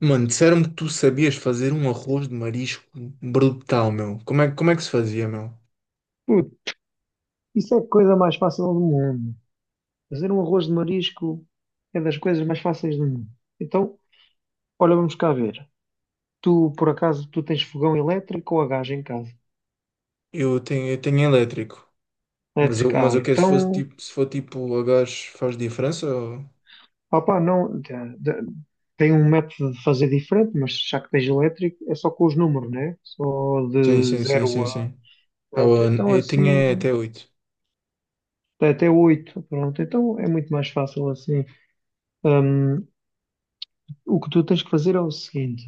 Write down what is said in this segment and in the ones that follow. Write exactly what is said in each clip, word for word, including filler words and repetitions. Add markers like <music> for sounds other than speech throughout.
Mano, disseram-me que tu sabias fazer um arroz de marisco brutal, meu. Como é, como é que se fazia, meu? Puto, isso é a coisa mais fácil do mundo. Fazer um arroz de marisco é das coisas mais fáceis do mundo. Então, olha, vamos cá ver. Tu, por acaso, tu tens fogão elétrico ou a gás em casa? Eu tenho, eu tenho elétrico. Mas eu, Elétrico, mas ah, eu quero, se fosse então, tipo, se for tipo a gás, faz diferença? ou- opá, não, te- te- tem um método de fazer diferente, mas já que tens elétrico, é só com os números, né? Só Sim, de sim, sim, zero sim, a, sim. Ah, pronto, bueno, então eu assim, tinha até oito. até até oito, pronto, então é muito mais fácil assim. Hum, o que tu tens que fazer é o seguinte.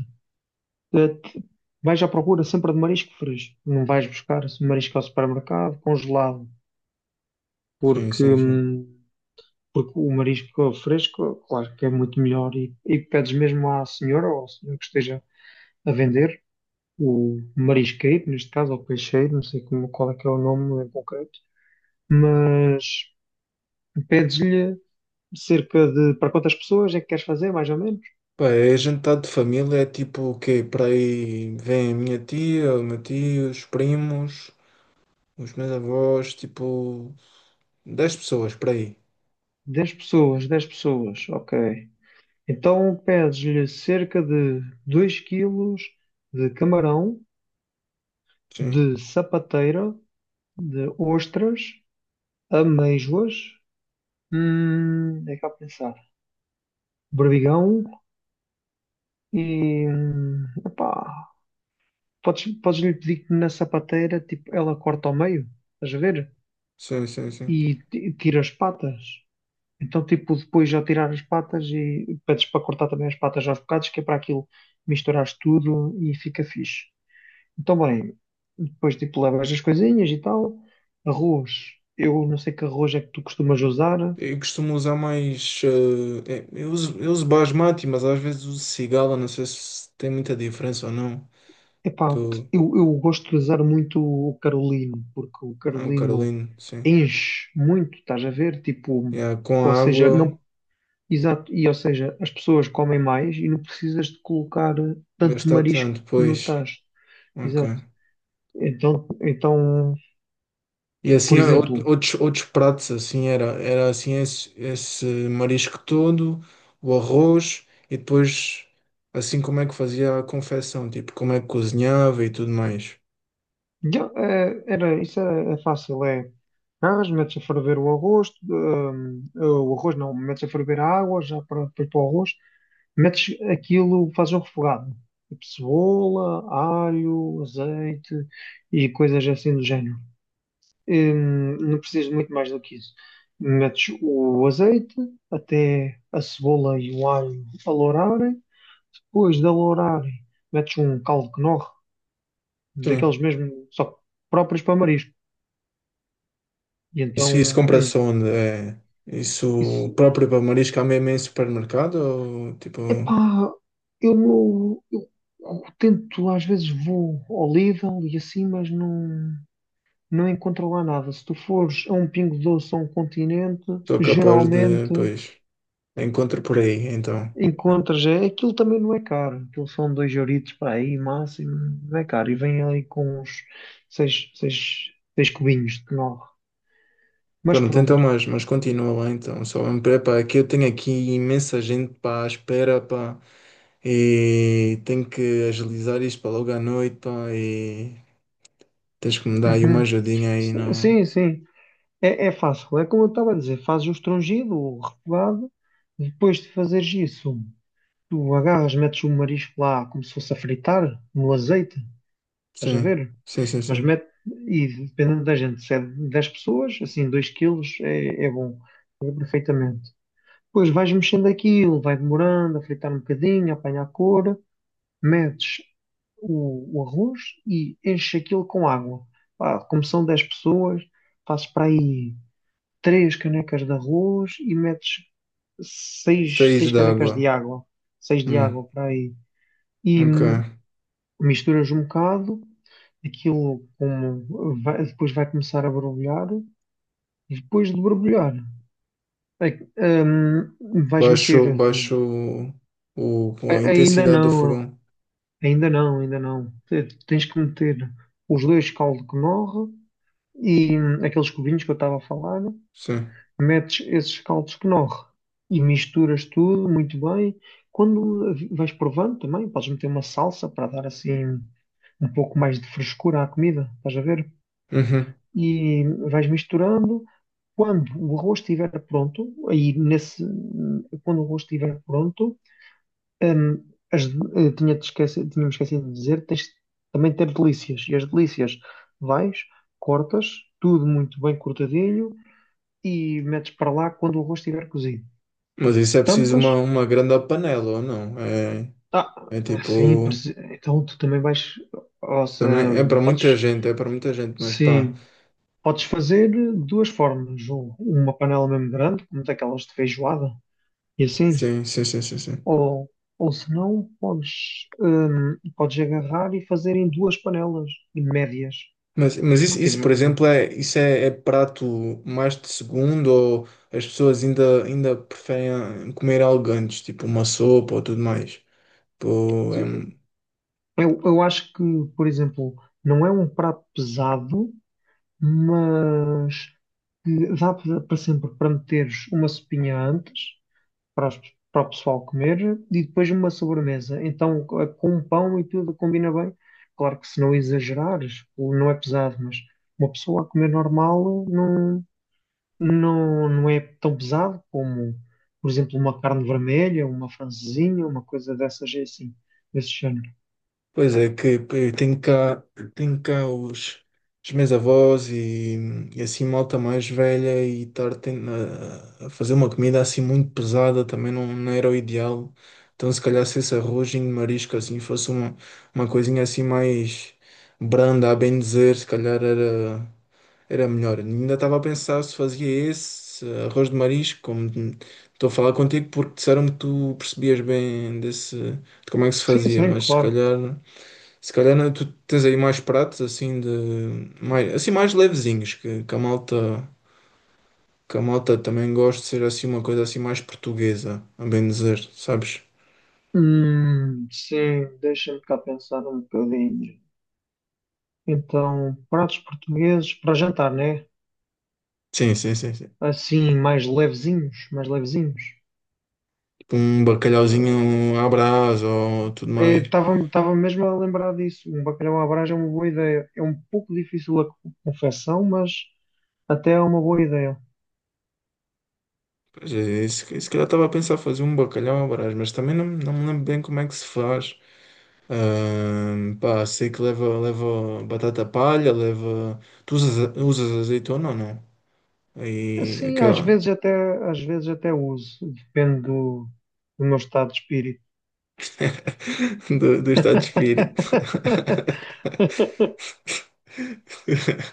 Eh, t- Vais à procura sempre de marisco fresco. Não vais buscar esse marisco ao supermercado congelado, Sim, porque, sim, sim. hum, porque o marisco fresco, claro que é muito melhor. E, e pedes mesmo à senhora ou ao senhor que esteja a vender, o marisqueiro, neste caso, ou peixeiro, não sei como, qual é que é o nome em concreto, mas pedes-lhe cerca de, para quantas pessoas é que queres fazer, mais ou menos? Pá, é jantar de família, é tipo o quê? Para aí vem a minha tia, o meu tio, os primos, os meus avós, tipo dez pessoas, para aí. Dez pessoas, dez pessoas, ok. Então pedes-lhe cerca de dois quilos de camarão, Sim, de sapateira, de ostras, amêijoas, hum, é cá pensar, berbigão e, hum, epá, podes, podes-lhe pedir que na sapateira, tipo, ela corta ao meio, estás a ver? sim, sim, sim. E ti- tira as patas. Então, tipo, depois já tirar as patas e pedes para cortar também as patas aos bocados, que é para aquilo misturares tudo e fica fixe. Então, bem, depois tipo levas as coisinhas e tal. Arroz, eu não sei que arroz é que tu costumas usar. Eu costumo usar mais. eh, é, eu uso, eu uso basmati, mas às vezes uso cigala. Não sei se tem muita diferença ou não. Epá, Do, eu, eu gosto de usar muito o Carolino, porque o ah, o Carolino Carolino, sim. enche muito, estás a ver? Tipo, Yeah, com ou a seja, água, não, exato, e ou seja, as pessoas comem mais e não precisas de colocar tanto gastar marisco tanto, no pois. tacho. Ok. Exato. Então, então, E por assim, ou- exemplo. outros, outros pratos, assim, era, era assim esse, esse marisco todo, o arroz, e depois, assim, como é que fazia a confecção, tipo, como é que cozinhava e tudo mais. Já, eh, era, isso é, é fácil, é. Agarras, metes a ferver o arroz, hum, eh, o arroz não, metes a ferver a água, já para depois para o arroz, metes aquilo, fazes um refogado. Tipo cebola, alho, azeite e coisas assim do género. Hum, não precisas de muito mais do que isso. Metes o azeite até a cebola e o alho alourarem. Depois de alourarem, metes um caldo Knorr, Sim. daqueles mesmo, só próprios para marisco. E Isso, isso então, hum, compra-se onde? É, isso isso, próprio para marisco há mesmo em supermercado? Ou tipo, epá, eu não, eu tento, às vezes vou ao Lidl e assim, mas não, não encontro lá nada. Se tu fores a um Pingo Doce ou a um Continente, sou capaz de, geralmente pois, encontro por aí, então. encontras, é, aquilo também não é caro, aquilo são dois euritos para aí, máximo, não é caro, e vem ali com uns seis, seis, seis cubinhos de nove. Mas Pronto, então, pronto. mas, mas continua lá então. Só me prepara que eu tenho aqui imensa gente para a espera, pá, e tenho que agilizar isto para logo à noite, pá, e tens que me dar aí uma Uhum. ajudinha aí, não? Sim, sim. É, é fácil, é como eu estava a dizer, fazes o estrangido, o refogado, depois de fazeres isso, tu agarras, metes o marisco lá como se fosse a fritar, no azeite, estás a Sim, ver? sim, sim, Mas sim. mete, e dependendo da gente, se é dez pessoas, assim, dois quilos é, é bom, é perfeitamente. Depois vais mexendo aquilo, vai demorando, a fritar um bocadinho, a apanhar a cor, metes o, o arroz e enches aquilo com água. Pá, como são dez pessoas, fazes para aí três canecas de arroz e metes seis, Seis seis canecas d'água. de água, seis de Hum, água para aí, e ok. hum, misturas um bocado, aquilo como vai- depois vai começar a borbulhar, e depois de borbulhar, é- hum, vais Baixo, meter. baixo o, o- a a- Ainda intensidade do não, fogão. ainda não, ainda não, Te- tens que meter os dois caldo que morre e hum, aqueles cubinhos que eu estava a falar, Sim. metes esses caldos de Knorr e misturas tudo muito bem. Quando vais provando também, podes meter uma salsa para dar assim um pouco mais de frescura à comida, estás a ver? Uhum. E vais misturando. Quando o arroz estiver pronto, aí nesse, quando o arroz estiver pronto, hum, as, eh, tinha-te esquecido, tinha-me esquecido de dizer, tens também de ter delícias. E as delícias vais, cortas, tudo muito bem cortadinho e metes para lá quando o arroz estiver cozido. Mas isso é preciso Tampas? uma, uma grande panela, ou não? É, Ah, é sim, tipo. presi- então tu também vais. ou se- Também é para hum, muita podes, gente, é para muita gente, mas pá. sim, podes fazer de duas formas. Ou uma panela mesmo grande, como daquelas de feijoada, e assim. Sim, sim, sim, sim, sim. Ou, ou se não, podes, hum, podes agarrar e fazer em duas panelas médias. Mas, mas Se não isso, isso, tiver. por hum. exemplo, é, isso é, é prato mais de segundo, ou as pessoas ainda, ainda preferem comer algo antes, tipo uma sopa ou tudo mais? Tipo, é, Sim, eu, eu acho que, por exemplo, não é um prato pesado, mas que dá para para sempre para meteres uma sopinha antes para, as- para o pessoal comer e depois uma sobremesa. Então, co- com um pão e tudo combina bem. Claro que se não exagerares, o- não é pesado, mas uma pessoa a comer normal não, não, não é tão pesado como, por exemplo, uma carne vermelha, uma francesinha, uma coisa dessas é assim, desse género. Pois é, que que tenho cá, tenho cá, os, os meus avós, e, e assim malta mais velha, e estar ten- a, a fazer uma comida assim muito pesada também não, não era o ideal. Então se calhar, se esse arrozinho de marisco assim fosse uma, uma coisinha assim mais branda, a bem dizer, se calhar era, era melhor. Ainda estava a pensar se fazia esse arroz de marisco, como estou a falar contigo porque disseram-me que tu percebias bem desse, de como é que se Sim, fazia, sim, mas se claro. calhar. Se calhar não, tu tens aí mais pratos assim de mais, assim mais levezinhos que, que a malta que a malta também gosta de ser assim uma coisa assim mais portuguesa, a bem dizer, sabes? Hum, sim, deixa-me cá pensar um bocadinho. Então, pratos portugueses para jantar, né? Sim, sim, sim, sim. Assim, mais levezinhos, mais levezinhos. Tipo um bacalhauzinho à Brás ou tudo mais. Estava estava mesmo a lembrar disso. Um bacalhau à Brás é uma boa ideia. É um pouco difícil a confecção, mas até é uma boa ideia. Pois é, se, se calhar estava a pensar fazer um bacalhau à Brás, mas também não, não me lembro bem como é que se faz. Ahm, pá, sei que leva, leva batata palha, leva. Tu usas, usas azeitona ou não? Aí Sim, às aquela. vezes até, às vezes até uso. Depende do, do meu estado de espírito. do, do estado de espírito. <laughs>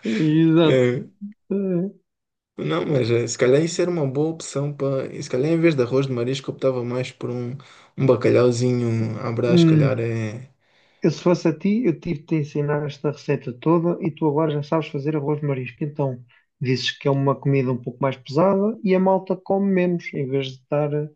Exato. É, Eh, não, mas eh, se calhar isso era uma boa opção para. Se calhar em vez de arroz de marisco, optava mais por um, um bacalhauzinho à Brás, se Hum, calhar é. eu, se fosse a ti, eu tive de te ensinar esta receita toda e tu agora já sabes fazer arroz de marisco. Então, dizes que é uma comida um pouco mais pesada e a malta come menos, em vez de estar a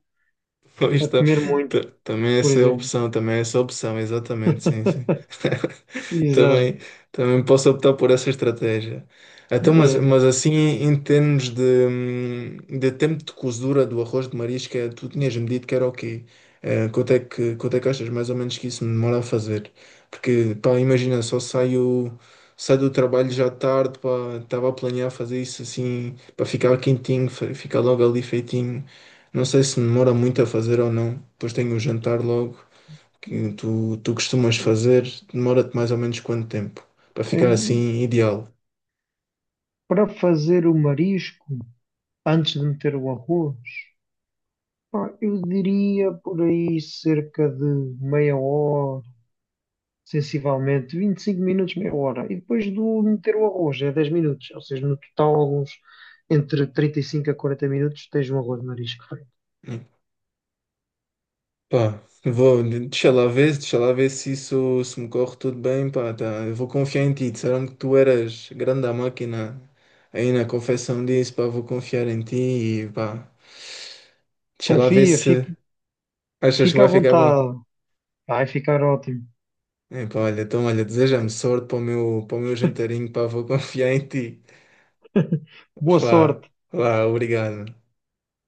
Pois a tá, comer muito. ta- também Por essa é a exemplo. opção, também é essa é a opção, exatamente, sim, sim. <laughs> Exato. Também, também posso optar por essa estratégia. Então, mas, É, mas assim, em termos de, hum, de tempo de cozedura do arroz de marisca, tu tinhas-me dito que era o quê? Eh, quanto é que, quanto é que achas mais ou menos que isso me demora a fazer? Porque, pá, imagina, só saio, saio do trabalho já tarde, pá, estava a planear fazer isso assim, para ficar quentinho, fa- ficar logo ali feitinho. Não sei se demora muito a fazer ou não, depois tenho o jantar logo, que tu, tu costumas fazer, demora-te mais ou menos quanto tempo? Para ficar é, assim ideal. para fazer o marisco, antes de meter o arroz, pá, eu diria por aí cerca de meia hora, sensivelmente, vinte e cinco minutos, meia hora. E depois do meter o arroz, é dez minutos. Ou seja, no total, uns entre trinta e cinco a quarenta minutos, tens um arroz de marisco feito. Pá, vou, deixa lá ver, deixa lá ver se isso se me corre tudo bem, pá, tá, eu vou confiar em ti. Disseram que tu eras grande à máquina aí na confecção disso, pá, vou confiar em ti e pá, deixa lá ver Confia, se. fica, Achas que fica à vai ficar bom? vontade. Vai ficar ótimo. Epá, olha, então olha, deseja-me sorte para o meu, para o meu jantarinho, pá, vou <laughs> confiar em ti. Boa Lá, sorte. lá, obrigado.